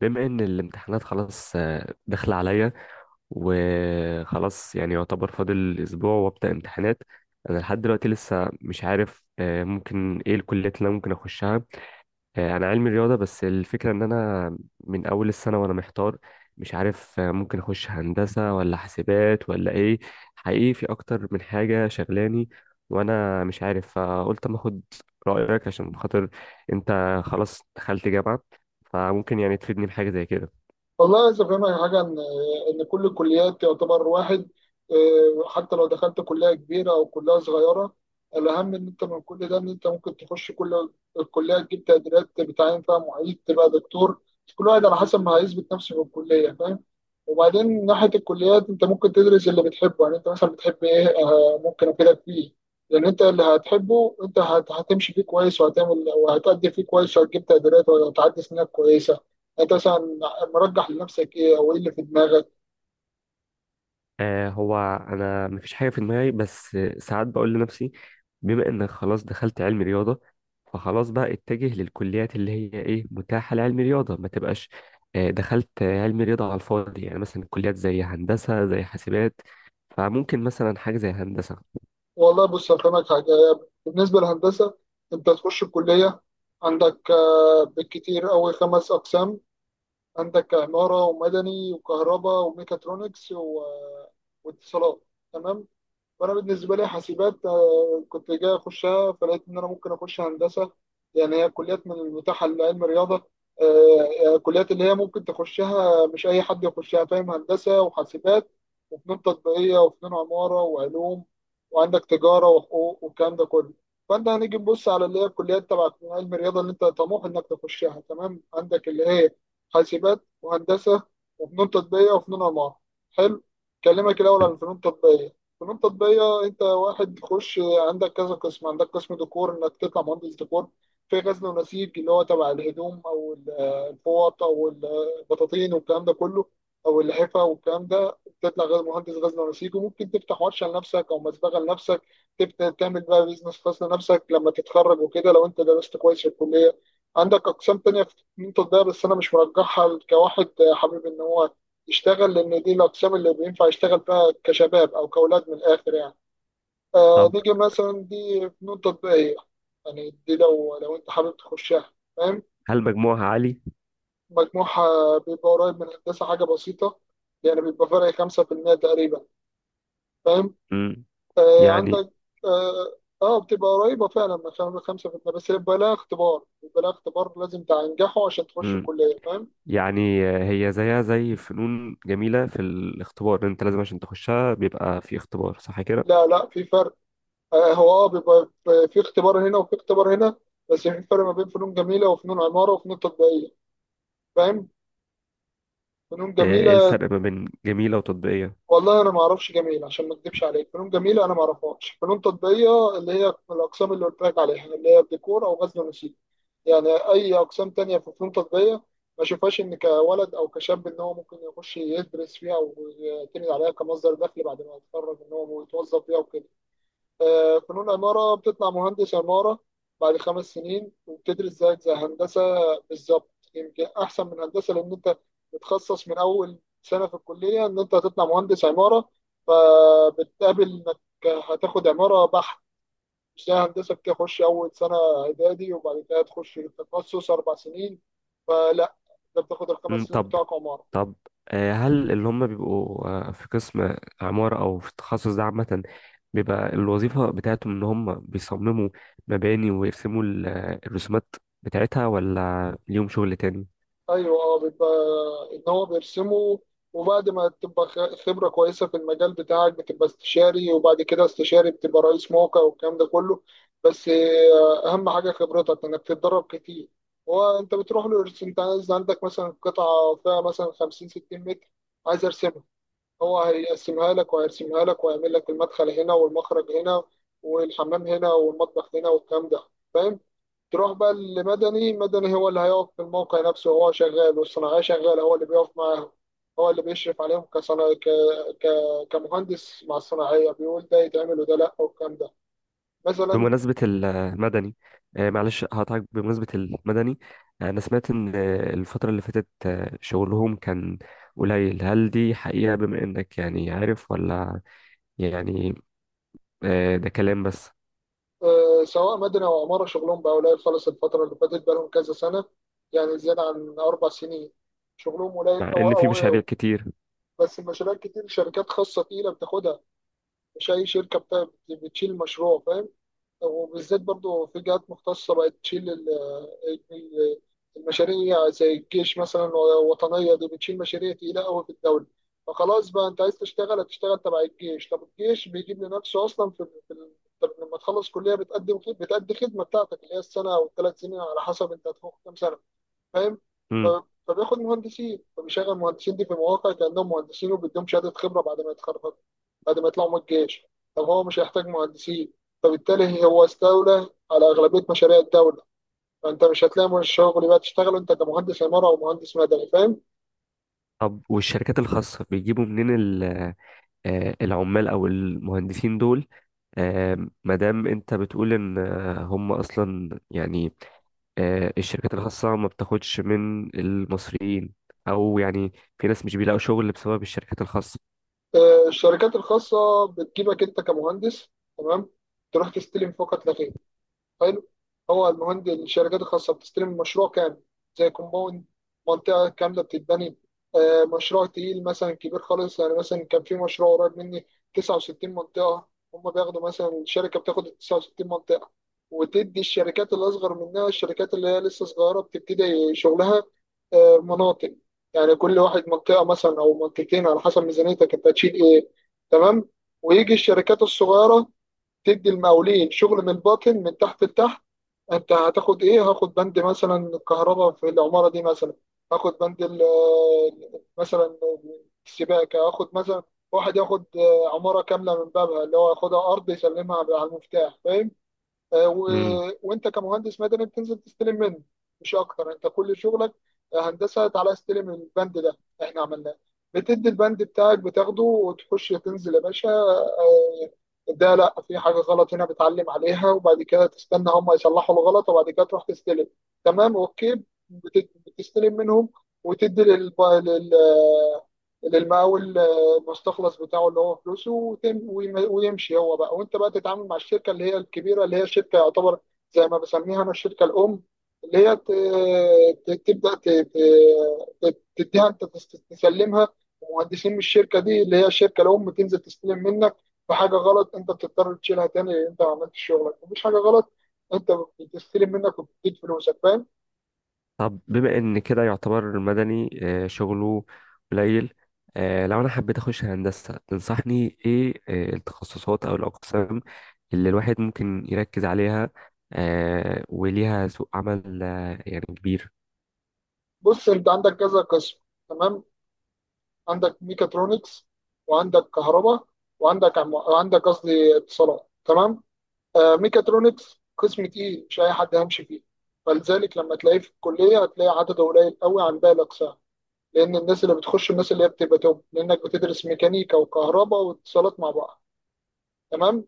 بما ان الامتحانات خلاص داخله عليا. وخلاص يعني يعتبر فاضل اسبوع وابدا امتحانات. انا لحد دلوقتي لسه مش عارف ممكن ايه الكليات اللي انا ممكن اخشها. انا علمي رياضه، بس الفكره ان انا من اول السنه وانا محتار. مش عارف ممكن اخش هندسه ولا حاسبات ولا ايه. حقيقي في اكتر من حاجه شغلاني وانا مش عارف، فقلت اما اخد رايك، عشان خاطر انت خلاص دخلت جامعه، فممكن يعني تفيدني بحاجه زي كده. والله عايز افهمك حاجه ان كل الكليات تعتبر واحد. حتى لو دخلت كليه كبيره او كليه صغيره، الاهم ان انت من كل ده، ان انت ممكن تخش كل الكليه، تجيب تقديرات، بتعين فيها معيد، تبقى دكتور. كل واحد على حسب ما هيثبت نفسه في الكليه، فاهم؟ وبعدين من ناحية الكليات، أنت ممكن تدرس اللي بتحبه. يعني أنت مثلا بتحب إيه؟ ممكن أفيدك فيه. لأن أنت اللي هتحبه أنت هتمشي فيه كويس وهتعمل وهتأدي فيه كويس وهتجيب تقديرات وهتعدي سنينك كويسة. أنت مثلا مرجح لنفسك إيه أو إيه اللي في دماغك؟ هو انا مفيش حاجه في دماغي، بس ساعات بقول لنفسي بما انك خلاص دخلت علم رياضه فخلاص بقى اتجه للكليات اللي هي ايه متاحه لعلم رياضه، ما تبقاش دخلت علم رياضه على الفاضي. يعني مثلا كليات زي هندسه زي حاسبات، فممكن مثلا حاجه زي هندسه. والله بص هفهمك حاجة. بالنسبة للهندسة، أنت تخش الكلية عندك بالكتير أوي خمس أقسام. عندك عمارة ومدني وكهرباء وميكاترونكس واتصالات. تمام. فانا بالنسبه لي حاسبات، كنت جاي اخشها، فلقيت ان انا ممكن اخش هندسه. يعني هي كليات من المتاحه لعلم الرياضه. كليات اللي هي ممكن تخشها، مش اي حد يخشها، فاهم؟ هندسه وحاسبات وفنون تطبيقيه وفنون عماره وعلوم، وعندك تجاره وحقوق والكلام ده كله. فانت هنيجي نبص على اللي هي الكليات تبع علم الرياضه اللي انت طموح انك تخشها. تمام؟ عندك اللي هي حاسبات وهندسه وفنون تطبيقيه وفنون عماره. حلو. كلمك الاول عن الفنون التطبيقيه. فنون تطبيقية أنت واحد تخش، عندك كذا قسم. عندك قسم ديكور إنك تطلع مهندس ديكور. في غزل ونسيج اللي هو تبع الهدوم أو الفوط أو البطاطين والكلام ده كله، أو اللحفة والكلام ده، تطلع مهندس غزل ونسيج وممكن تفتح ورشة لنفسك أو مسبغة لنفسك. تبدأ تعمل بقى بيزنس خاص لنفسك لما تتخرج وكده، لو أنت درست كويس في الكلية. عندك أقسام تانية في فنون تطبيقية بس أنا مش مرجحها كواحد حابب إن هو يشتغل، لان دي الاقسام اللي بينفع يشتغل بها كشباب او كاولاد من الاخر يعني. آه طب، نيجي مثلا دي فنون تطبيقيه. يعني دي لو انت حابب تخشها، فاهم؟ هل مجموعها عالي؟ مجموعها بيبقى قريب من هندسه حاجه بسيطه. يعني بيبقى فرق 5% تقريبا، فاهم؟ مم. آه يعني. عندك اه بتبقى قريبه فعلا من 5%، بس بيبقى لها اختبار، بيبقى لها اختبار لازم تنجحه عشان تخش مم. الكليه، فاهم؟ يعني هي زيها زي فنون جميله في الاختبار، انت لازم عشان تخشها بيبقى في اختبار، صح كده؟ لا، لا، في فرق. هو اه بيبقى في اختبار هنا وفي اختبار هنا، بس في فرق ما بين فنون جميله وفنون عماره وفنون تطبيقيه، فاهم؟ فنون ايه جميله، الفرق ما بين جميلة وتطبيقية؟ والله انا ما اعرفش جميل عشان ما اكذبش عليك. فنون جميله انا ما اعرفهاش. فنون تطبيقيه اللي هي الاقسام اللي قلت لك عليها اللي هي الديكور او غزل ونسيج. يعني اي اقسام تانية في فنون تطبيقيه ما اشوفهاش ان كولد او كشاب ان هو ممكن يخش يدرس فيها او يعتمد عليها كمصدر دخل بعد ما يتخرج ان هو يتوظف فيها وكده. فنون عمارة بتطلع مهندس عمارة بعد 5 سنين، وبتدرس زيك زي هندسة بالظبط، يمكن أحسن من هندسة، لأن أنت بتخصص من أول سنة في الكلية إن أنت هتطلع مهندس عمارة. فبتقابل إنك هتاخد عمارة بحت، مش زي هندسة بتخش أول سنة إعدادي وبعد كده تخش التخصص 4 سنين. فلا، أنت بتاخد الخمس مم، سنين طب. بتوعك عمارة. طب هل اللي هم بيبقوا في قسم عمارة أو في التخصص ده عامة، بيبقى الوظيفة بتاعتهم إن هم بيصمموا مباني ويرسموا الرسومات بتاعتها، ولا ليهم شغل تاني؟ ايوه اه بيبقى ان هو بيرسمه، وبعد ما تبقى خبره كويسه في المجال بتاعك بتبقى استشاري، وبعد كده استشاري بتبقى رئيس موقع والكلام ده كله. بس اهم حاجه خبرتك انك تتدرب كتير. هو انت بتروح له انت عايز عندك مثلا قطعه فيها مثلا 50 60 متر، عايز ارسم، هو هيقسمها لك وهيرسمها لك وهيعمل لك المدخل هنا والمخرج هنا والحمام هنا والمطبخ هنا والكلام ده، فاهم؟ تروح بقى لمدني. مدني هو اللي هيقف في الموقع نفسه هو شغال والصناعية شغالة، هو اللي بيقف معاهم، هو اللي بيشرف عليهم ك... كمهندس مع الصناعية، بيقول ده يتعمل وده لأ والكلام ده مثلا. بمناسبة المدني معلش هقطعك بمناسبة المدني. أنا سمعت إن الفترة اللي فاتت شغلهم كان قليل. هل دي حقيقة بما إنك يعني عارف، ولا يعني ده كلام بس؟ سواء مدني أو عمارة شغلهم بقى قليل خالص الفترة اللي فاتت، بقى لهم كذا سنة، يعني زيادة عن 4 سنين، شغلهم قليل، مع أو ان في أو مشاريع إيه؟ كتير. بس المشاريع كتير، شركات خاصة تقيلة بتاخدها. مش أي شركة بتشيل مشروع، فاهم؟ وبالذات برضو في جهات مختصة بقت تشيل ال- المشاريع زي الجيش مثلا. الوطنية دي بتشيل مشاريع تقيلة أوي في الدولة. فخلاص بقى أنت عايز تشتغل هتشتغل تبع الجيش. طب الجيش بيجيب لنفسه أصلا في ال- طب لما تخلص كلية بتقدم بتأدي خدمة بتاعتك اللي هي السنة أو ال3 سنين على حسب أنت هتفوق كام سنة، فاهم؟ ف- امم. فبياخد مهندسين، فبيشغل المهندسين دي في مواقع كأنهم مهندسين، وبيديهم شهادة خبرة بعد ما يتخرجوا، بعد ما يطلعوا من الجيش. طب هو مش هيحتاج مهندسين، فبالتالي هو استولى على أغلبية مشاريع الدولة. فأنت مش هتلاقي من الشغل بقى تشتغل أنت كمهندس عمارة أو مهندس مدني، فاهم؟ طب والشركات الخاصة بيجيبوا منين العمال او المهندسين دول؟ ما دام انت بتقول ان هم اصلا يعني الشركات الخاصة ما بتاخدش من المصريين، او يعني في ناس مش بيلاقوا شغل بسبب الشركات الخاصة. الشركات الخاصة بتجيبك أنت كمهندس. تمام. تروح تستلم فقط لا غير. حلو. هو المهند الشركات الخاصه بتستلم مشروع كامل، زي كومباوند، منطقه كامله بتتبني. مشروع تقيل مثلا كبير خالص. يعني مثلا كان في مشروع قريب مني 69 منطقه. هم بياخدوا مثلا، الشركه بتاخد 69 منطقه، وتدي الشركات اللي اصغر منها، الشركات اللي هي لسه صغيره بتبتدي شغلها، مناطق. يعني كل واحد منطقه مثلا او منطقتين على حسب ميزانيتك انت هتشيل ايه. تمام. ويجي الشركات الصغيره تدي المقاولين شغل من الباطن من تحت لتحت. انت هتاخد ايه؟ هاخد بند مثلا الكهرباء في العماره دي مثلا، هاخد بند مثلا السباكه، هاخد مثلا. واحد ياخد عماره كامله من بابها، اللي هو ياخدها ارض يسلمها على المفتاح، فاهم؟ وانت كمهندس مدني بتنزل تستلم منه مش اكتر. انت كل شغلك هندسه، تعالى استلم البند ده احنا عملناه. بتدي البند بتاعك، بتاخده وتخش تنزل يا باشا. ده لا في حاجه غلط هنا بتعلم عليها، وبعد كده تستنى هم يصلحوا الغلط، وبعد كده تروح تستلم. تمام. اوكي. بتستلم منهم، وتدي للمقاول المستخلص بتاعه اللي هو فلوسه، ويمشي هو بقى، وانت بقى تتعامل مع الشركه اللي هي الكبيره، اللي هي الشركه يعتبر زي ما بسميها انا الشركه الام. اللي هي تبدا تديها، انت تسلمها مهندسين. مش الشركه دي اللي هي الشركه الام تنزل تستلم منك، فحاجه غلط انت بتضطر تشيلها تاني لان انت ما عملتش شغلك. مفيش حاجه غلط انت بتستلم منك وبتديك فلوسك، فاهم؟ طب بما ان كده يعتبر مدني شغله قليل، لو انا حبيت اخش هندسة تنصحني ايه التخصصات او الاقسام اللي الواحد ممكن يركز عليها وليها سوق عمل يعني كبير؟ بص انت عندك كذا قسم. تمام. عندك ميكاترونكس، وعندك كهرباء، وعندك عم... وعندك قصدي اتصالات. تمام. آه ميكاترونكس قسم تقيل مش اي حد هيمشي فيه، فلذلك لما تلاقيه في الكليه هتلاقي عدده قليل قوي عن باقي الاقسام، لان الناس اللي بتخش الناس اللي هي بتبقى توب، لانك بتدرس ميكانيكا وكهرباء واتصالات مع بعض. تمام.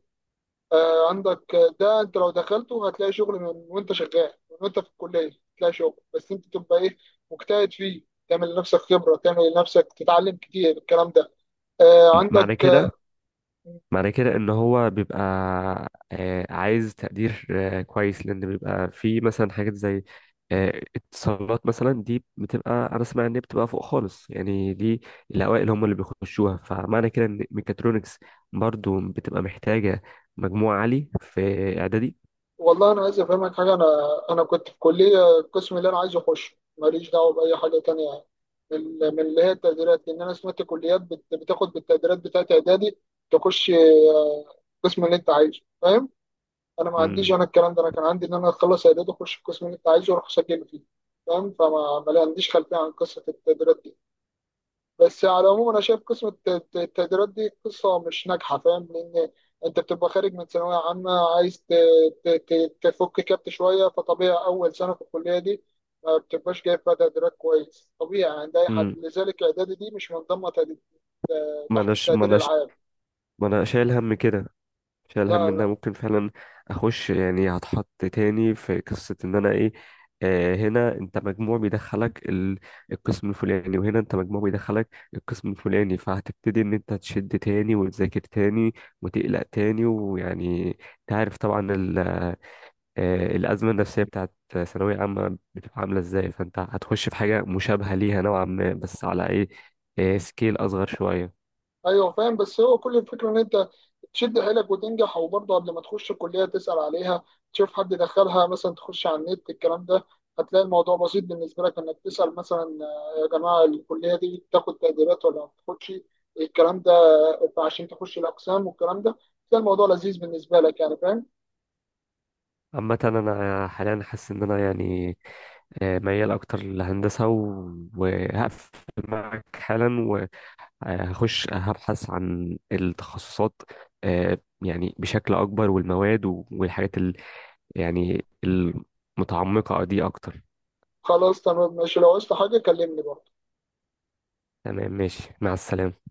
آه، عندك ده انت لو دخلته هتلاقي شغل، من وانت شغال من وانت في الكليه هتلاقي شغل، بس انت تبقى ايه؟ مجتهد فيه، تعمل لنفسك خبره، تعمل لنفسك، تتعلم كتير، الكلام ده. آه، معنى عندك كده آه، معنى كده ان هو بيبقى عايز تقدير كويس، لان بيبقى في مثلا حاجات زي اتصالات، مثلا دي بتبقى انا اسمع ان هي بتبقى فوق خالص، يعني دي الاوائل هم اللي بيخشوها. فمعنى كده ان ميكاترونكس برضو بتبقى محتاجة مجموع عالي في اعدادي. والله انا عايز افهمك حاجه. انا كنت في كليه القسم اللي انا عايز اخشه ماليش دعوه باي حاجه تانية، يعني من اللي هي التقديرات. لان انا سمعت كليات بتاخد بالتقديرات بتاعت اعدادي، تخش القسم اللي انت عايزه، فاهم؟ انا ما عنديش امم انا الكلام ده. انا كان عندي ان انا اخلص اعداد واخش القسم اللي انت عايزه واروح اسجل فيه، فاهم؟ فما ما لي- عنديش خلفيه عن قصه التقديرات دي. بس على العموم انا شايف قسم التقديرات دي قصه مش ناجحه، فاهم؟ لان انت بتبقى خارج من ثانويه عامه عايز تفك كبت شويه، فطبيعي اول سنه في الكليه دي ما بتبقاش جايب فيها تقديرات كويس، طبيعي عند اي حد. امم لذلك اعدادي دي مش منضمه ما تحت اناش ما التقدير اناش العام. ما انا شايل هم كده، شايل هم انها لا، ممكن فعلا اخش، يعني هتحط تاني في قصة ان انا ايه. هنا انت مجموع بيدخلك القسم الفلاني، وهنا انت مجموع بيدخلك القسم الفلاني، فهتبتدي ان انت تشد تاني وتذاكر تاني وتقلق تاني، ويعني انت عارف طبعا الازمة النفسية بتاعت ثانوية عامة بتبقى عاملة ازاي، فانت هتخش في حاجة مشابهة ليها نوعا ما، بس على ايه، سكيل اصغر شوية. ايوه فاهم. بس هو كل الفكره ان انت تشد حيلك وتنجح. وبرضه قبل ما تخش الكليه تسال عليها، تشوف حد دخلها مثلا، تخش على النت الكلام ده، هتلاقي الموضوع بسيط بالنسبه لك. انك تسال مثلا يا جماعه الكليه دي بتاخد تقديرات ولا ما بتاخدش، الكلام ده، عشان تخش الاقسام والكلام ده، تلاقي الموضوع لذيذ بالنسبه لك، يعني فاهم؟ عامة أنا حاليا حاسس إن أنا يعني ميال اكتر للهندسه، وهقفل معك حالا، وهخش هبحث عن التخصصات آه، يعني بشكل اكبر، والمواد والحاجات يعني المتعمقه دي اكتر. خلاص تمام ماشي، لو عايزت حاجه كلمني برضه. تمام، ماشي، مع السلامه.